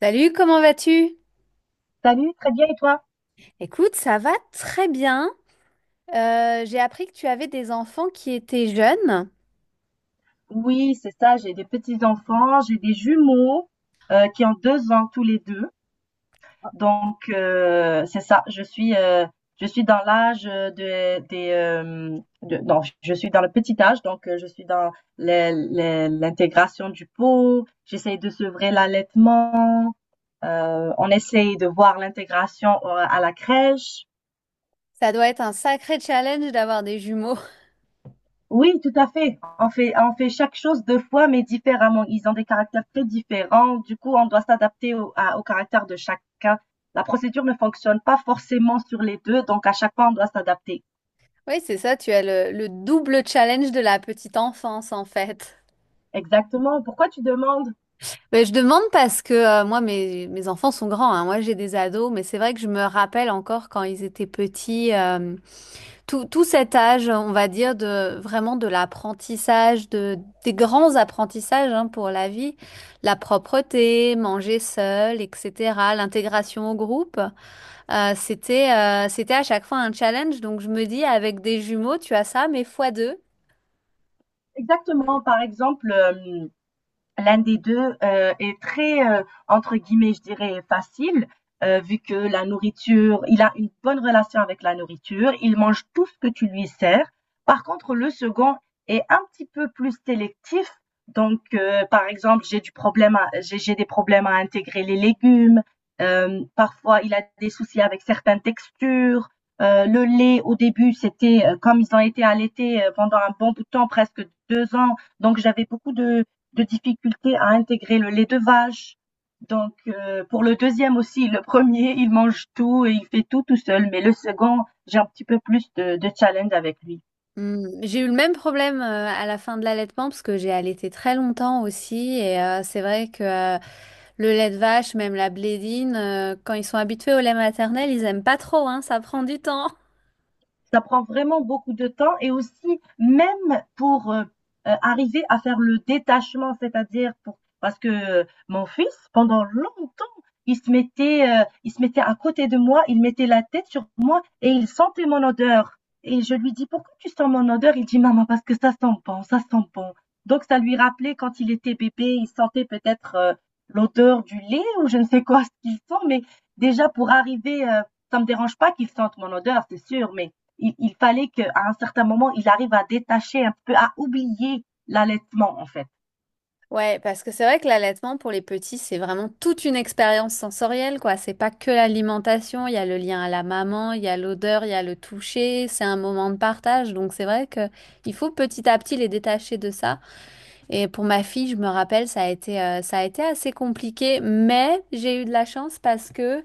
Salut, comment vas-tu? Salut, très bien et toi? Écoute, ça va très bien. J'ai appris que tu avais des enfants qui étaient jeunes. Oui, c'est ça, j'ai des petits-enfants, j'ai des jumeaux qui ont 2 ans tous les deux. Donc, c'est ça, je suis dans l'âge non, je suis dans le petit âge, donc je suis dans l'intégration du pot, j'essaye de sevrer l'allaitement, on essaye de voir l'intégration à la crèche. Ça doit être un sacré challenge d'avoir des jumeaux. Oui, tout à fait. On fait chaque chose 2 fois, mais différemment. Ils ont des caractères très différents. Du coup, on doit s'adapter au caractère de chacun. La procédure ne fonctionne pas forcément sur les 2, donc à chaque fois, on doit s'adapter. Oui, c'est ça, tu as le double challenge de la petite enfance en fait. Exactement. Pourquoi tu demandes? Mais je demande parce que moi, mes enfants sont grands, hein. Moi, j'ai des ados, mais c'est vrai que je me rappelle encore quand ils étaient petits. Tout cet âge, on va dire, de vraiment de l'apprentissage, des grands apprentissages hein, pour la vie, la propreté, manger seul, etc., l'intégration au groupe, c'était c'était à chaque fois un challenge. Donc je me dis, avec des jumeaux, tu as ça, mais fois deux. Exactement. Par exemple, hem L'un des 2 est très, entre guillemets, je dirais «facile», vu que la nourriture il a une bonne relation avec la nourriture, il mange tout ce que tu lui sers. Par contre, le second est un petit peu plus sélectif, donc par exemple, j'ai des problèmes à intégrer les légumes, parfois il a des soucis avec certaines textures, le lait au début, c'était, comme ils ont été allaités, pendant un bon bout de temps, presque 2 ans, donc j'avais beaucoup de difficulté à intégrer le lait de vache. Donc pour le deuxième aussi, le premier, il mange tout et il fait tout tout seul, mais le second, j'ai un petit peu plus de challenge avec lui. Hmm, j'ai eu le même problème à la fin de l'allaitement parce que j'ai allaité très longtemps aussi et c'est vrai que le lait de vache, même la blédine, quand ils sont habitués au lait maternel, ils aiment pas trop, hein, ça prend du temps. Ça prend vraiment beaucoup de temps et aussi même pour arriver à faire le détachement, c'est-à-dire pour parce que mon fils pendant longtemps il se mettait à côté de moi, il mettait la tête sur moi et il sentait mon odeur et je lui dis pourquoi tu sens mon odeur. Il dit maman parce que ça sent bon, ça sent bon. Donc ça lui rappelait quand il était bébé, il sentait peut-être l'odeur du lait ou je ne sais quoi ce qu'il sent, mais déjà pour arriver ça me dérange pas qu'il sente mon odeur, c'est sûr, mais il fallait qu'à un certain moment, il arrive à détacher un peu, à oublier l'allaitement, en fait. Ouais, parce que c'est vrai que l'allaitement pour les petits, c'est vraiment toute une expérience sensorielle, quoi. C'est pas que l'alimentation, il y a le lien à la maman, il y a l'odeur, il y a le toucher, c'est un moment de partage. Donc c'est vrai que il faut petit à petit les détacher de ça. Et pour ma fille, je me rappelle, ça a été assez compliqué, mais j'ai eu de la chance parce que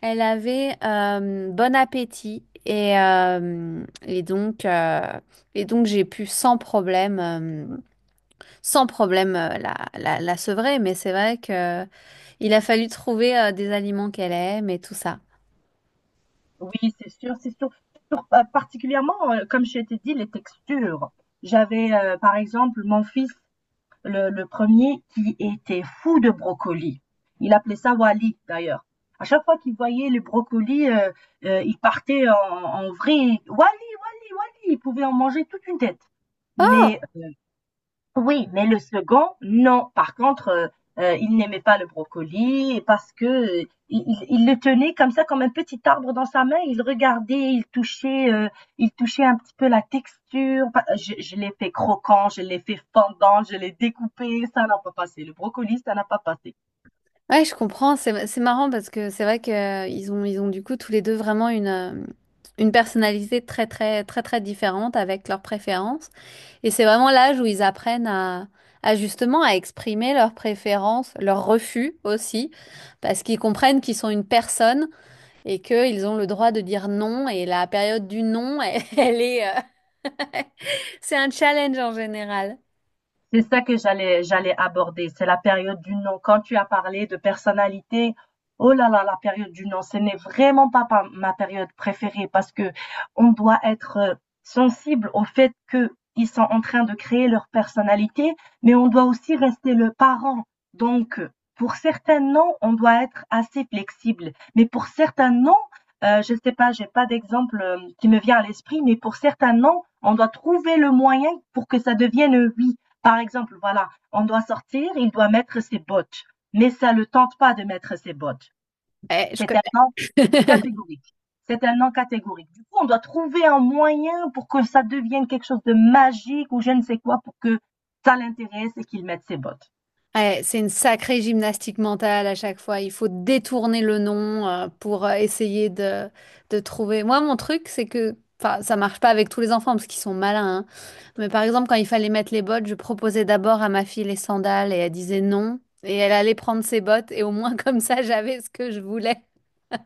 elle avait bon appétit et donc j'ai pu sans problème. Sans problème la sevrer, mais c'est vrai que il a fallu trouver des aliments qu'elle aime et tout ça. Oui, c'est sûr, c'est sûr. Particulièrement, comme je t'ai dit, les textures. J'avais, par exemple, mon fils, le premier, qui était fou de brocoli. Il appelait ça Wally, d'ailleurs. À chaque fois qu'il voyait les brocolis, il partait en vrille. Wally, Wally, Wally. Il pouvait en manger toute une tête. Oh! Mais Oui, mais le second, non. Par contre, il n'aimait pas le brocoli parce que, il le tenait comme ça, comme un petit arbre dans sa main. Il regardait, il touchait un petit peu la texture. Pas je l'ai fait croquant, je l'ai fait fondant, je l'ai découpé. Ça n'a pas passé. Le brocoli, ça n'a pas passé. Ouais, je comprends, c'est marrant parce que c'est vrai que ils ont du coup tous les deux vraiment une personnalité très très très très différente avec leurs préférences et c'est vraiment l'âge où ils apprennent à justement à exprimer leurs préférences, leurs refus aussi parce qu'ils comprennent qu'ils sont une personne et qu'ils ont le droit de dire non et la période du non elle est c'est un challenge en général. C'est ça que j'allais aborder, c'est la période du non. Quand tu as parlé de personnalité, oh là là, la période du non, ce n'est vraiment pas ma période préférée parce que on doit être sensible au fait que ils sont en train de créer leur personnalité, mais on doit aussi rester le parent. Donc, pour certains noms, on doit être assez flexible, mais pour certains noms, je ne sais pas, j'ai pas d'exemple qui me vient à l'esprit, mais pour certains noms, on doit trouver le moyen pour que ça devienne un oui. Par exemple, voilà, on doit sortir, il doit mettre ses bottes, mais ça ne le tente pas de mettre ses bottes. Ouais, je C'est un non connais. catégorique. C'est un non catégorique. Du coup, on doit trouver un moyen pour que ça devienne quelque chose de magique ou je ne sais quoi pour que ça l'intéresse et qu'il mette ses bottes. Ouais, c'est une sacrée gymnastique mentale à chaque fois. Il faut détourner le nom pour essayer de trouver. Moi, mon truc, c'est que, enfin, ça marche pas avec tous les enfants parce qu'ils sont malins. Hein. Mais par exemple, quand il fallait mettre les bottes, je proposais d'abord à ma fille les sandales et elle disait non. Et elle allait prendre ses bottes et au moins comme ça, j'avais ce que je voulais.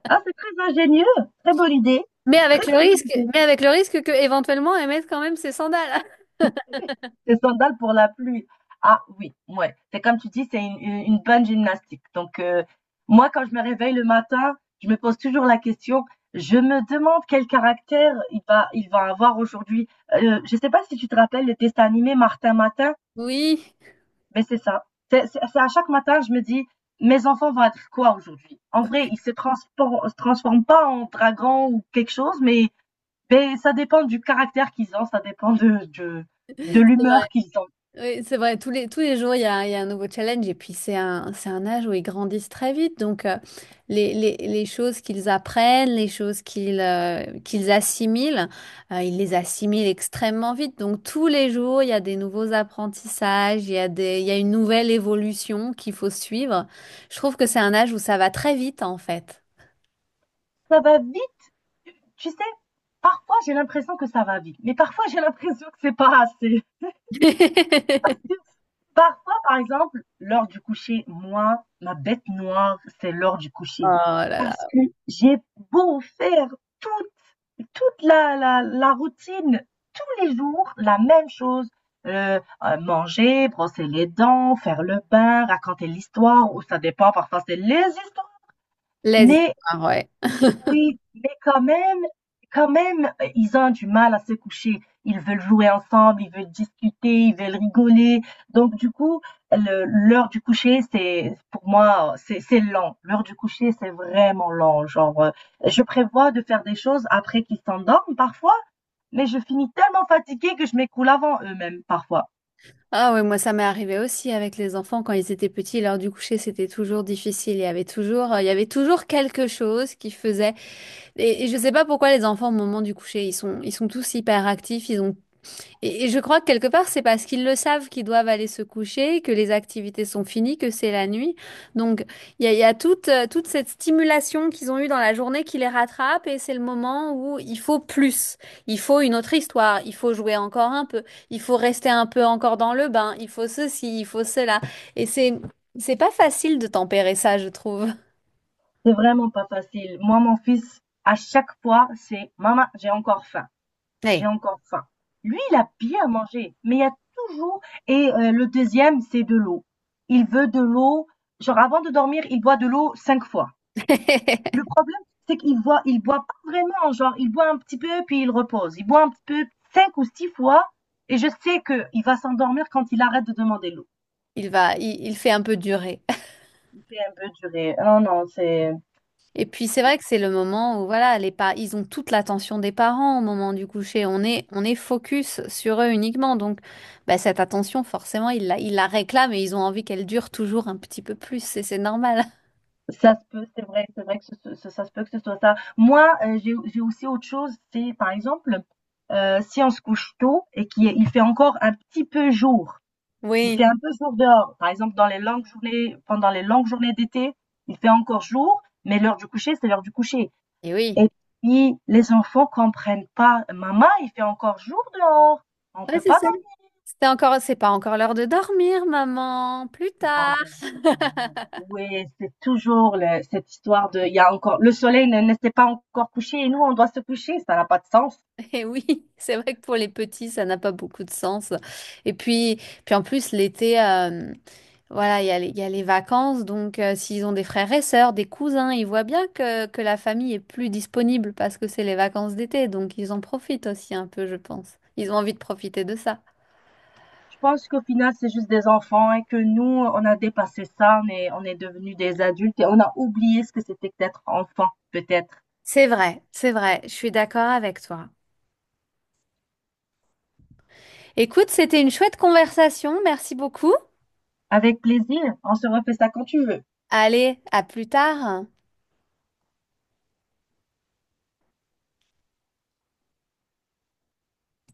Ah, c'est très ingénieux, très bonne idée, Mais avec très le très bonne risque, idée. mais avec le risque que éventuellement elle mette quand même ses sandales. Des sandales pour la pluie. Ah oui, ouais. C'est comme tu dis, c'est une bonne gymnastique. Donc, moi, quand je me réveille le matin, je me pose toujours la question, je me demande quel caractère il va avoir aujourd'hui. Je ne sais pas si tu te rappelles le dessin animé Martin Matin, Oui, mais c'est ça. C'est à chaque matin, je me dis, mes enfants vont être quoi aujourd'hui? En vrai, ils se transforment pas en dragon ou quelque chose, mais ça dépend du caractère qu'ils ont, ça dépend c'est de vrai. l'humeur qu'ils ont. Oui, c'est vrai, tous les jours, il y a un nouveau challenge et puis c'est un âge où ils grandissent très vite. Donc, les choses qu'ils apprennent, les choses qu'ils qu'ils assimilent, ils les assimilent extrêmement vite. Donc, tous les jours, il y a des nouveaux apprentissages, il y a une nouvelle évolution qu'il faut suivre. Je trouve que c'est un âge où ça va très vite, en fait. Ça va vite. Tu sais, parfois j'ai l'impression que ça va vite, mais parfois j'ai l'impression que c'est pas assez. Parfois, par exemple, l'heure du coucher, moi, ma bête noire, c'est l'heure du coucher. Oh là là, Parce que j'ai beau faire toute, toute la routine, tous les jours, la même chose. Manger, brosser les dents, faire le bain, raconter l'histoire, ou ça dépend, parfois c'est les histoires. les Mais histoires, ouais. Oui, mais quand même, ils ont du mal à se coucher. Ils veulent jouer ensemble, ils veulent discuter, ils veulent rigoler. Donc, du coup, l'heure du coucher, c'est, pour moi, c'est lent. L'heure du coucher, c'est vraiment lent. Genre, je prévois de faire des choses après qu'ils s'endorment parfois, mais je finis tellement fatiguée que je m'écoule avant eux-mêmes parfois. Ah ouais, moi ça m'est arrivé aussi avec les enfants quand ils étaient petits, l'heure du coucher c'était toujours difficile, il y avait toujours, il y avait toujours quelque chose qui faisait. Et je sais pas pourquoi les enfants au moment du coucher ils sont tous hyper actifs, ils ont et je crois que quelque part, c'est parce qu'ils le savent qu'ils doivent aller se coucher, que les activités sont finies, que c'est la nuit. Donc, il y a toute toute cette stimulation qu'ils ont eue dans la journée qui les rattrape et c'est le moment où il faut plus. Il faut une autre histoire, il faut jouer encore un peu, il faut rester un peu encore dans le bain, il faut ceci, il faut cela. Et c'est, c'est pas facile de tempérer ça, je trouve. C'est vraiment pas facile. Moi, mon fils, à chaque fois, c'est, maman, j'ai encore faim. J'ai Ouais. encore faim. Lui, il a bien mangé, mais il y a toujours. Et le deuxième, c'est de l'eau. Il veut de l'eau, genre avant de dormir, il boit de l'eau 5 fois. Le problème, c'est qu'il boit, il boit pas vraiment, genre il boit un petit peu puis il repose. Il boit un petit peu 5 ou 6 fois et je sais que il va s'endormir quand il arrête de demander l'eau. Il va, il fait un peu durer. Il fait un peu durer. Non, non, c'est. Et puis c'est vrai que c'est le moment où voilà, les pa- ils ont toute l'attention des parents au moment du coucher. On est focus sur eux uniquement. Donc bah, cette attention, forcément, ils la réclament et ils ont envie qu'elle dure toujours un petit peu plus. Et c'est normal. Ça se peut, c'est vrai que ce ce ça se peut que ce soit ça. Moi, j'ai aussi autre chose, c'est par exemple, si on se couche tôt et qu'il il fait encore un petit peu jour, il Oui. fait un peu jour dehors, par exemple dans les longues journées, pendant les longues journées d'été, il fait encore jour, mais l'heure du coucher, c'est l'heure du coucher, Et oui. et puis les enfants comprennent pas: «Maman, il fait encore jour dehors, on Ouais, peut c'est pas.» ça. C'était encore, c'est pas encore l'heure de dormir, maman. Plus C'est pas tard. encore. Oui, c'est toujours cette histoire de, il y a encore, le soleil ne s'est pas encore couché et nous, on doit se coucher. Ça n'a pas de sens. Et oui, c'est vrai que pour les petits, ça n'a pas beaucoup de sens. Et puis, puis en plus, l'été, voilà, il y a les vacances. Donc, s'ils ont des frères et sœurs, des cousins, ils voient bien que la famille est plus disponible parce que c'est les vacances d'été. Donc, ils en profitent aussi un peu, je pense. Ils ont envie de profiter de ça. Je pense qu'au final, c'est juste des enfants et que nous, on a dépassé ça. On est devenus des adultes et on a oublié ce que c'était que d'être enfant, peut-être. C'est vrai, je suis d'accord avec toi. Écoute, c'était une chouette conversation. Merci beaucoup. Avec plaisir. On se refait ça quand tu veux. Allez, à plus tard.